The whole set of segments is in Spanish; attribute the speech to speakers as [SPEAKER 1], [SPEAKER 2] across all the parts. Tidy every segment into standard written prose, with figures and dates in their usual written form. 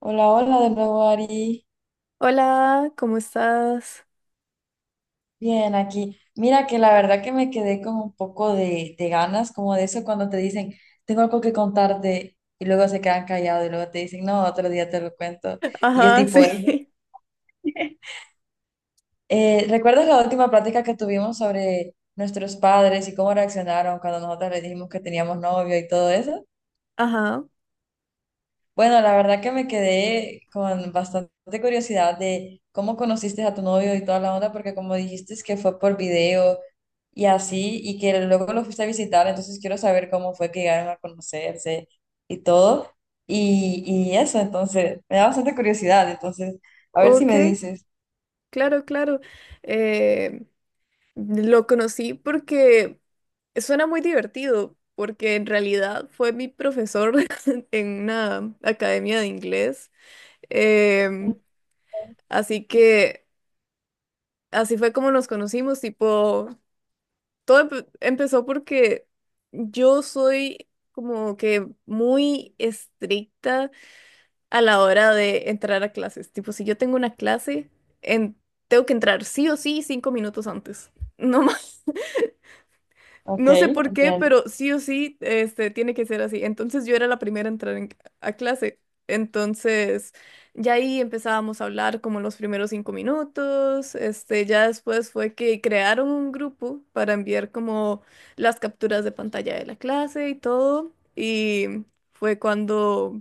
[SPEAKER 1] Hola, hola de nuevo, Ari.
[SPEAKER 2] Hola, ¿cómo estás?
[SPEAKER 1] Bien, aquí. Mira que la verdad que me quedé con un poco de ganas, como de eso cuando te dicen, tengo algo que contarte, y luego se quedan callados y luego te dicen, no, otro día te lo cuento. Y es
[SPEAKER 2] Ajá,
[SPEAKER 1] tipo,
[SPEAKER 2] sí.
[SPEAKER 1] eso. ¿Recuerdas la última plática que tuvimos sobre nuestros padres y cómo reaccionaron cuando nosotros les dijimos que teníamos novio y todo eso?
[SPEAKER 2] Ajá,
[SPEAKER 1] Bueno, la verdad que me quedé con bastante curiosidad de cómo conociste a tu novio y toda la onda, porque como dijiste es que fue por video y así, y que luego lo fuiste a visitar, entonces quiero saber cómo fue que llegaron a conocerse y todo, y eso, entonces, me da bastante curiosidad, entonces, a ver si
[SPEAKER 2] ok,
[SPEAKER 1] me dices.
[SPEAKER 2] claro. Eh, lo conocí porque suena muy divertido, porque en realidad fue mi profesor en una academia de inglés. Em, así que así fue como nos conocimos, tipo, todo empezó porque yo soy como que muy estricta a la hora de entrar a clases. Tipo, si yo tengo una clase, en- tengo que entrar sí o sí 5 minutos antes. No más.
[SPEAKER 1] Ok,
[SPEAKER 2] No sé por qué,
[SPEAKER 1] entiendo.
[SPEAKER 2] pero sí o sí, este, tiene que ser así. Entonces yo era la primera a entrar a clase. Entonces, ya ahí empezábamos a hablar como los primeros 5 minutos. Este, ya después fue que crearon un grupo para enviar como las capturas de pantalla de la clase y todo. Y fue cuando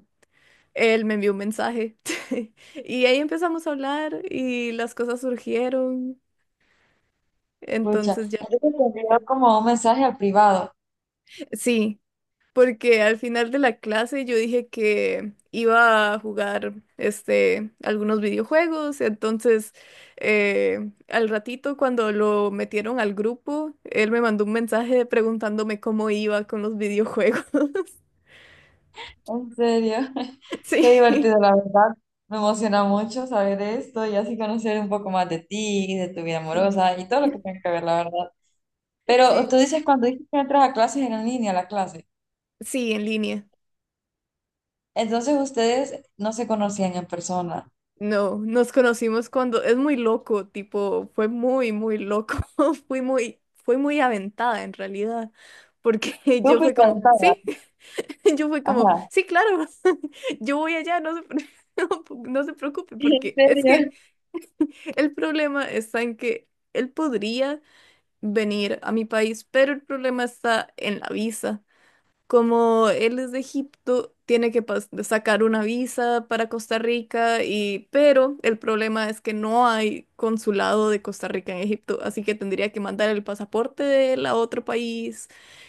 [SPEAKER 2] él me envió un mensaje y ahí empezamos a hablar y las cosas surgieron.
[SPEAKER 1] Escucha,
[SPEAKER 2] Entonces ya,
[SPEAKER 1] entonces te envió como un mensaje al privado.
[SPEAKER 2] sí, porque al final de la clase yo dije que iba a jugar este, algunos videojuegos. Entonces, al ratito cuando lo metieron al grupo, él me mandó un mensaje preguntándome cómo iba con los videojuegos.
[SPEAKER 1] En serio, qué
[SPEAKER 2] Sí,
[SPEAKER 1] divertido, la verdad. Me emociona mucho saber esto y así conocer un poco más de ti, de tu vida
[SPEAKER 2] sí,
[SPEAKER 1] amorosa y todo lo que tenga que ver, la verdad. Pero
[SPEAKER 2] sí,
[SPEAKER 1] tú dices cuando dices que entras a clases en línea, la clase.
[SPEAKER 2] sí, en línea.
[SPEAKER 1] Entonces ustedes no se conocían en persona.
[SPEAKER 2] No, nos conocimos cuando es muy loco, tipo, fue muy, muy loco, fui muy, fue muy aventada en realidad, porque
[SPEAKER 1] Tú
[SPEAKER 2] yo fui
[SPEAKER 1] fuiste
[SPEAKER 2] como,
[SPEAKER 1] aventada.
[SPEAKER 2] sí, yo fui como,
[SPEAKER 1] Ajá.
[SPEAKER 2] sí, claro, yo voy allá, no se, no, no se preocupe,
[SPEAKER 1] ¿En
[SPEAKER 2] porque es que
[SPEAKER 1] serio?
[SPEAKER 2] el problema está en que él podría venir a mi país, pero el problema está en la visa. Como él es de Egipto, tiene que sacar una visa para Costa Rica y pero el problema es que no hay consulado de Costa Rica en Egipto, así que tendría que mandar el pasaporte de él a otro país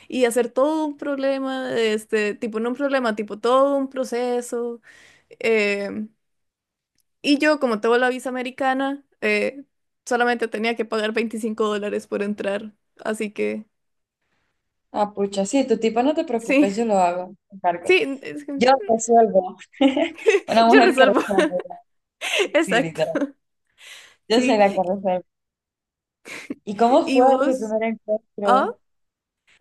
[SPEAKER 2] y hacer todo un problema, este, tipo, no un problema, tipo todo un proceso. Em, y yo, como tengo la visa americana, solamente tenía que pagar $25 por entrar, así que
[SPEAKER 1] Ah, pucha, sí, tu tipo no te
[SPEAKER 2] sí,
[SPEAKER 1] preocupes, yo lo hago, me encargo.
[SPEAKER 2] sí, es que
[SPEAKER 1] Yo resuelvo. Una
[SPEAKER 2] yo
[SPEAKER 1] mujer que
[SPEAKER 2] resuelvo,
[SPEAKER 1] resuelve. Sí, sí,
[SPEAKER 2] exacto.
[SPEAKER 1] literal. Yo
[SPEAKER 2] Sí,
[SPEAKER 1] soy la que resuelve. ¿Y cómo
[SPEAKER 2] y
[SPEAKER 1] fue su
[SPEAKER 2] vos,
[SPEAKER 1] primer
[SPEAKER 2] ah,
[SPEAKER 1] encuentro?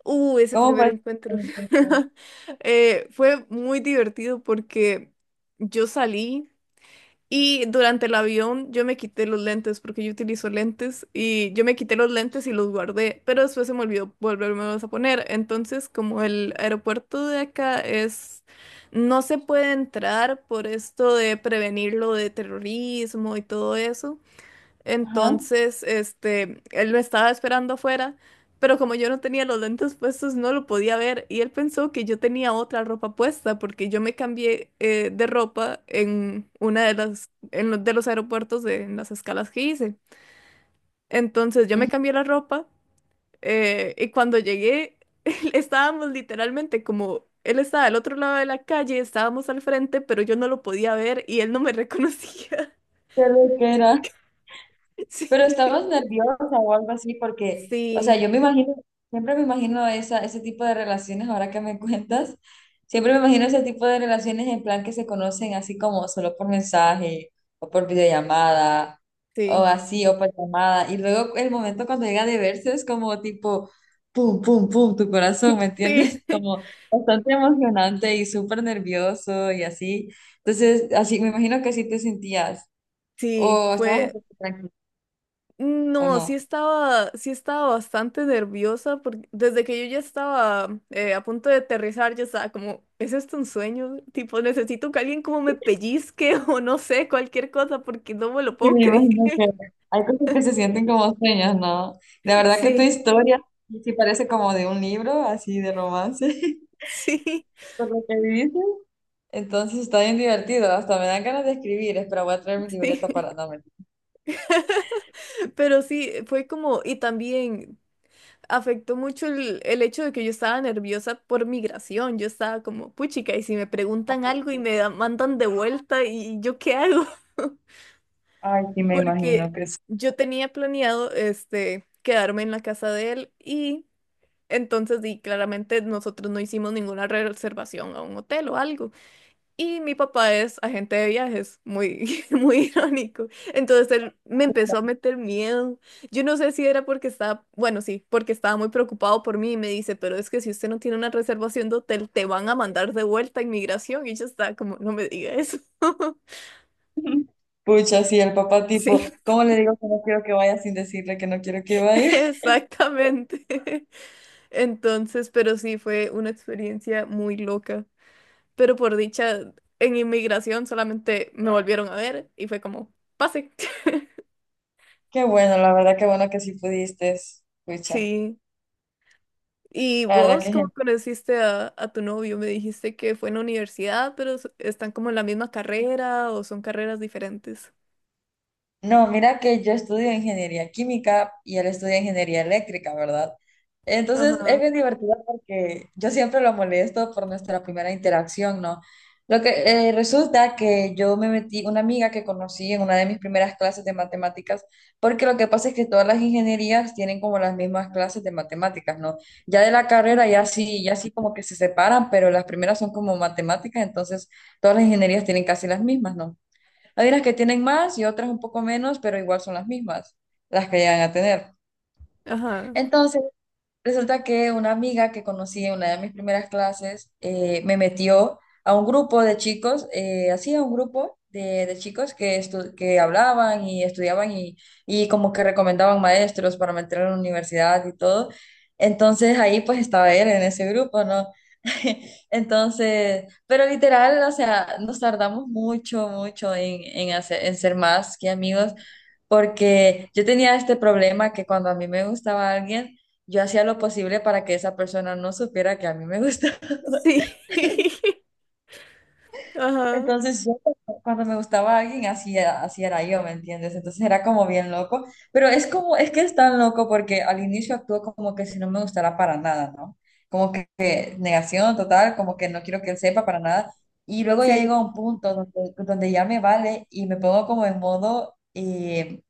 [SPEAKER 2] ese
[SPEAKER 1] ¿Cómo
[SPEAKER 2] primer
[SPEAKER 1] parece?
[SPEAKER 2] encuentro. Fue muy divertido porque yo salí y durante el avión yo me quité los lentes porque yo utilizo lentes y yo me quité los lentes y los guardé, pero después se me olvidó volvérmelos a poner. Entonces, como el aeropuerto de acá es, no se puede entrar por esto de prevenir lo de terrorismo y todo eso.
[SPEAKER 1] Ajá.
[SPEAKER 2] Entonces, este, él me estaba esperando afuera, pero como yo no tenía los lentes puestos, no lo podía ver y él pensó que yo tenía otra ropa puesta porque yo me cambié de ropa en una de las, en los de los aeropuertos de, en las escalas que hice. Entonces, yo me
[SPEAKER 1] Ujú.
[SPEAKER 2] cambié la ropa y cuando llegué, estábamos literalmente como, él estaba al otro lado de la calle, estábamos al frente, pero yo no lo podía ver y él no me reconocía.
[SPEAKER 1] ¿Qué era? Pero
[SPEAKER 2] Sí,
[SPEAKER 1] estabas nerviosa o algo así, porque, o sea,
[SPEAKER 2] sí,
[SPEAKER 1] yo me imagino, siempre me imagino esa, ese tipo de relaciones, ahora que me cuentas, siempre me imagino ese tipo de relaciones en plan que se conocen así como solo por mensaje o por videollamada o
[SPEAKER 2] sí.
[SPEAKER 1] así, o por llamada. Y luego el momento cuando llega de verse es como tipo, pum, pum, pum, tu corazón, ¿me
[SPEAKER 2] Sí,
[SPEAKER 1] entiendes? Como bastante emocionante y súper nervioso y así. Entonces, así me imagino que así te sentías
[SPEAKER 2] sí,
[SPEAKER 1] o estabas un
[SPEAKER 2] fue,
[SPEAKER 1] poco tranquila o
[SPEAKER 2] no,
[SPEAKER 1] no.
[SPEAKER 2] sí estaba bastante nerviosa porque desde que yo ya estaba a punto de aterrizar, yo estaba como, ¿es esto un sueño? Tipo, necesito que alguien como me pellizque o no sé, cualquier cosa porque no me lo
[SPEAKER 1] Y
[SPEAKER 2] puedo
[SPEAKER 1] me
[SPEAKER 2] creer.
[SPEAKER 1] imagino que hay cosas que se sienten como sueños, ¿no? La verdad que tu
[SPEAKER 2] Sí,
[SPEAKER 1] historia sí parece como de un libro, así de romance,
[SPEAKER 2] sí,
[SPEAKER 1] por lo que dices. Entonces está bien divertido, hasta me dan ganas de escribir, espero voy a traer mi libreta
[SPEAKER 2] sí.
[SPEAKER 1] para no mentir.
[SPEAKER 2] Pero sí, fue como, y también afectó mucho el hecho de que yo estaba nerviosa por migración. Yo estaba como, puchica, y si me preguntan algo y me mandan de vuelta, ¿y yo qué hago?
[SPEAKER 1] Ay, sí, me imagino
[SPEAKER 2] Porque
[SPEAKER 1] que sí.
[SPEAKER 2] yo tenía planeado este quedarme en la casa de él y entonces y claramente nosotros no hicimos ninguna reservación a un hotel o algo. Y mi papá es agente de viajes, muy, muy irónico. Entonces él me empezó a meter miedo. Yo no sé si era porque estaba, bueno, sí, porque estaba muy preocupado por mí y me dice, pero es que si usted no tiene una reservación de hotel, te van a mandar de vuelta a inmigración. Y yo estaba como, no me diga eso.
[SPEAKER 1] Pucha, sí, el papá
[SPEAKER 2] Sí,
[SPEAKER 1] tipo, ¿cómo le digo que no quiero que vaya sin decirle que no quiero que vaya?
[SPEAKER 2] exactamente. Entonces, pero sí, fue una experiencia muy loca. Pero por dicha, en inmigración solamente me volvieron a ver y fue como, pase.
[SPEAKER 1] Qué bueno, la verdad, qué bueno que sí pudiste, pucha.
[SPEAKER 2] Sí. ¿Y
[SPEAKER 1] La verdad
[SPEAKER 2] vos
[SPEAKER 1] que
[SPEAKER 2] cómo
[SPEAKER 1] genial.
[SPEAKER 2] conociste a tu novio? Me dijiste que fue en la universidad, pero están como en la misma carrera o son carreras diferentes.
[SPEAKER 1] No, mira que yo estudio ingeniería química y él estudia ingeniería eléctrica, ¿verdad? Entonces es
[SPEAKER 2] Ajá.
[SPEAKER 1] bien divertido porque yo siempre lo molesto por nuestra primera interacción, ¿no? Lo que resulta que yo me metí, una amiga que conocí en una de mis primeras clases de matemáticas, porque lo que pasa es que todas las ingenierías tienen como las mismas clases de matemáticas, ¿no? Ya de la carrera
[SPEAKER 2] Ujú.
[SPEAKER 1] ya sí, ya sí como que se separan, pero las primeras son como matemáticas, entonces todas las ingenierías tienen casi las mismas, ¿no? Hay unas que tienen más y otras un poco menos, pero igual son las mismas, las que llegan a tener.
[SPEAKER 2] Ajá.
[SPEAKER 1] Entonces, resulta que una amiga que conocí en una de mis primeras clases me metió a un grupo de chicos, así a un grupo de chicos que, que hablaban y estudiaban y como que recomendaban maestros para meter a la universidad y todo. Entonces ahí pues estaba él en ese grupo, ¿no? Entonces, pero literal, o sea, nos tardamos mucho, mucho en ser más que amigos porque yo tenía este problema que cuando a mí me gustaba alguien, yo hacía lo posible para que esa persona no supiera que a mí me gustaba.
[SPEAKER 2] Sí. Ajá.
[SPEAKER 1] Entonces, yo cuando me gustaba alguien, así era yo, ¿me entiendes? Entonces era como bien loco, pero es como, es que es tan loco porque al inicio actúo como que si no me gustara para nada, ¿no? Como que negación total, como que no quiero que él sepa para nada. Y luego ya
[SPEAKER 2] Sí.
[SPEAKER 1] llego a un punto donde, donde ya me vale y me pongo como en modo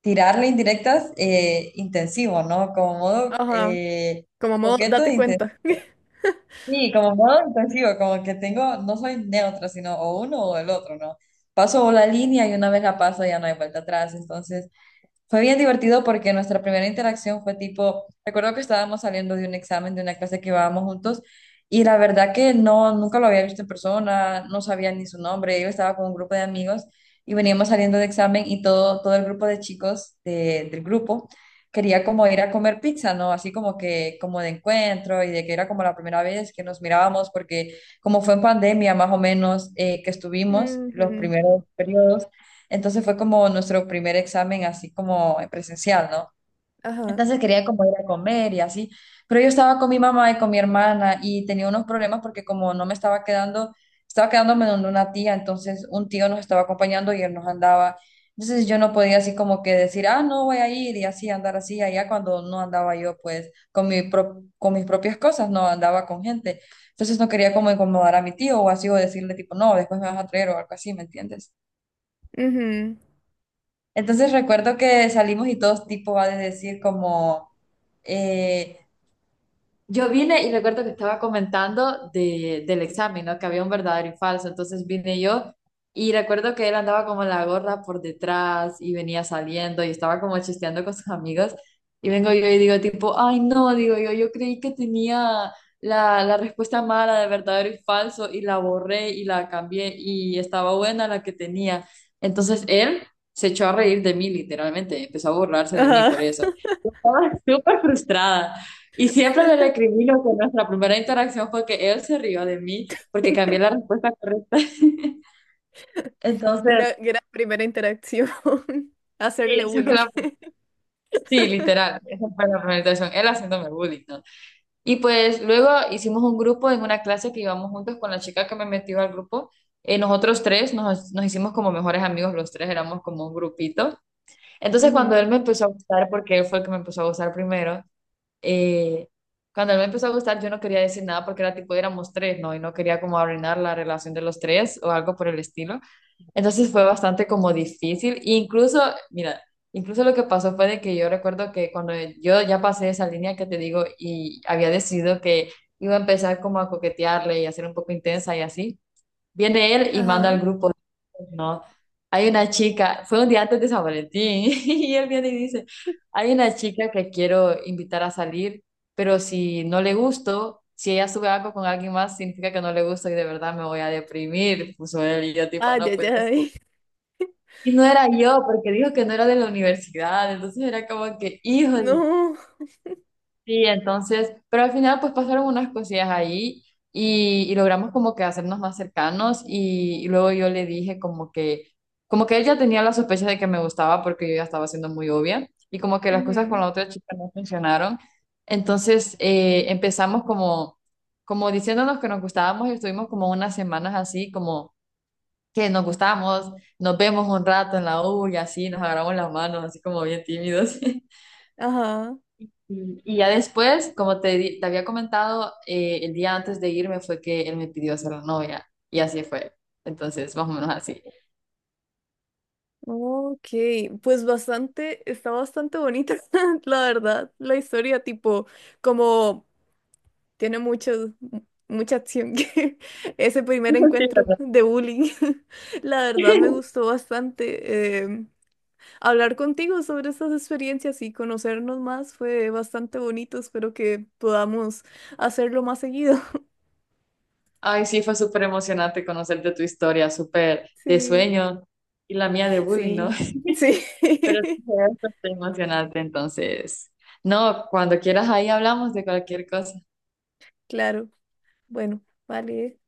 [SPEAKER 1] tirarle indirectas intensivo, ¿no? Como modo
[SPEAKER 2] Ajá. Como modo,
[SPEAKER 1] coqueto e
[SPEAKER 2] date
[SPEAKER 1] intensivo.
[SPEAKER 2] cuenta.
[SPEAKER 1] Sí, como modo intensivo, como que tengo, no soy neutra, sino o uno o el otro, ¿no? Paso la línea y una vez la paso ya no hay vuelta atrás, entonces... Fue bien divertido porque nuestra primera interacción fue tipo, recuerdo que estábamos saliendo de un examen, de una clase que íbamos juntos, y la verdad que no, nunca lo había visto en persona, no sabía ni su nombre, yo estaba con un grupo de amigos y veníamos saliendo de examen y todo, todo el grupo de chicos del grupo quería como ir a comer pizza, ¿no? Así como que, como de encuentro y de que era como la primera vez que nos mirábamos porque como fue en pandemia más o menos que estuvimos los
[SPEAKER 2] Ujú.
[SPEAKER 1] primeros periodos entonces fue como nuestro primer examen así como en presencial, ¿no?
[SPEAKER 2] Ajá.
[SPEAKER 1] Entonces quería como ir a comer y así, pero yo estaba con mi mamá y con mi hermana y tenía unos problemas porque como no me estaba quedando, estaba quedándome donde una tía, entonces un tío nos estaba acompañando y él nos andaba. Entonces yo no podía así como que decir, ah, no voy a ir y así andar así allá cuando no andaba yo pues con mis propias cosas, no andaba con gente. Entonces no quería como incomodar a mi tío o así o decirle tipo, no, después me vas a traer o algo así, ¿me entiendes?
[SPEAKER 2] Ujú.
[SPEAKER 1] Entonces recuerdo que salimos y todos tipo va a decir como, eh, yo vine y recuerdo que estaba comentando del examen, ¿no? Que había un verdadero y falso. Entonces vine yo y recuerdo que él andaba como la gorra por detrás y venía saliendo y estaba como chisteando con sus amigos. Y vengo yo y digo tipo, ay no, digo yo, yo creí que tenía la respuesta mala de verdadero y falso y la borré y la cambié y estaba buena la que tenía. Entonces él se echó a reír de mí literalmente, empezó a burlarse de mí por
[SPEAKER 2] Ajá.
[SPEAKER 1] eso. Estaba súper frustrada. Y siempre le recrimino que nuestra primera interacción fue que él se rió de mí porque cambié la respuesta correcta. Entonces,
[SPEAKER 2] Una gran primera interacción.
[SPEAKER 1] sí,
[SPEAKER 2] Hacerle bullying.
[SPEAKER 1] sí, literal, esa fue la primera interacción, él haciéndome bullying, ¿no? Y pues luego hicimos un grupo en una clase que íbamos juntos con la chica que me metió al grupo. Nosotros tres nos hicimos como mejores amigos, los tres éramos como un grupito. Entonces cuando él
[SPEAKER 2] Ujú.
[SPEAKER 1] me empezó a gustar, porque él fue el que me empezó a gustar primero, eh, cuando él me empezó a gustar, yo no quería decir nada porque era tipo, éramos tres, ¿no? Y no quería como arruinar la relación de los tres o algo por el estilo. Entonces fue bastante como difícil. E incluso, mira, incluso lo que pasó fue de que yo recuerdo que cuando yo ya pasé esa línea que te digo y había decidido que iba a empezar como a coquetearle y a ser un poco intensa y así. Viene él y manda
[SPEAKER 2] Ajá.
[SPEAKER 1] al grupo, no, hay una chica, fue un día antes de San Valentín, y él viene y dice, hay una chica que quiero invitar a salir, pero si no le gusto, si ella sube algo con alguien más, significa que no le gusto y de verdad me voy a deprimir, puso él y yo tipo,
[SPEAKER 2] Ay,
[SPEAKER 1] no
[SPEAKER 2] ay,
[SPEAKER 1] puedes.
[SPEAKER 2] ay.
[SPEAKER 1] Y no era yo, porque dijo que no era de la universidad, entonces era como que, híjole.
[SPEAKER 2] No.
[SPEAKER 1] Sí, entonces, pero al final pues pasaron unas cosillas ahí y logramos como que hacernos más cercanos y luego yo le dije como que él ya tenía la sospecha de que me gustaba porque yo ya estaba siendo muy obvia y como que las cosas con
[SPEAKER 2] Ujú.
[SPEAKER 1] la otra chica no funcionaron. Entonces empezamos como, como diciéndonos que nos gustábamos y estuvimos como unas semanas así como que nos gustamos, nos vemos un rato en la U y así, nos agarramos las manos así como bien tímidos.
[SPEAKER 2] Ajá.
[SPEAKER 1] Y y ya después, como te, te había comentado, el día antes de irme fue que él me pidió ser la novia y así fue. Entonces, más o menos así.
[SPEAKER 2] Ok, pues bastante, está bastante bonita, la verdad, la historia, tipo, como tiene mucho, mucha acción, que ese primer
[SPEAKER 1] Sí,
[SPEAKER 2] encuentro
[SPEAKER 1] ¿verdad?
[SPEAKER 2] de bullying, la verdad me gustó bastante. Hablar contigo sobre estas experiencias y conocernos más fue bastante bonito, espero que podamos hacerlo más seguido.
[SPEAKER 1] Ay, sí, fue súper emocionante conocerte tu historia, súper de
[SPEAKER 2] Sí,
[SPEAKER 1] sueño y la mía de bullying, ¿no?
[SPEAKER 2] sí, sí,
[SPEAKER 1] Pero sí, fue bastante emocionante, entonces. No, cuando quieras ahí hablamos de cualquier cosa.
[SPEAKER 2] claro, bueno, vale.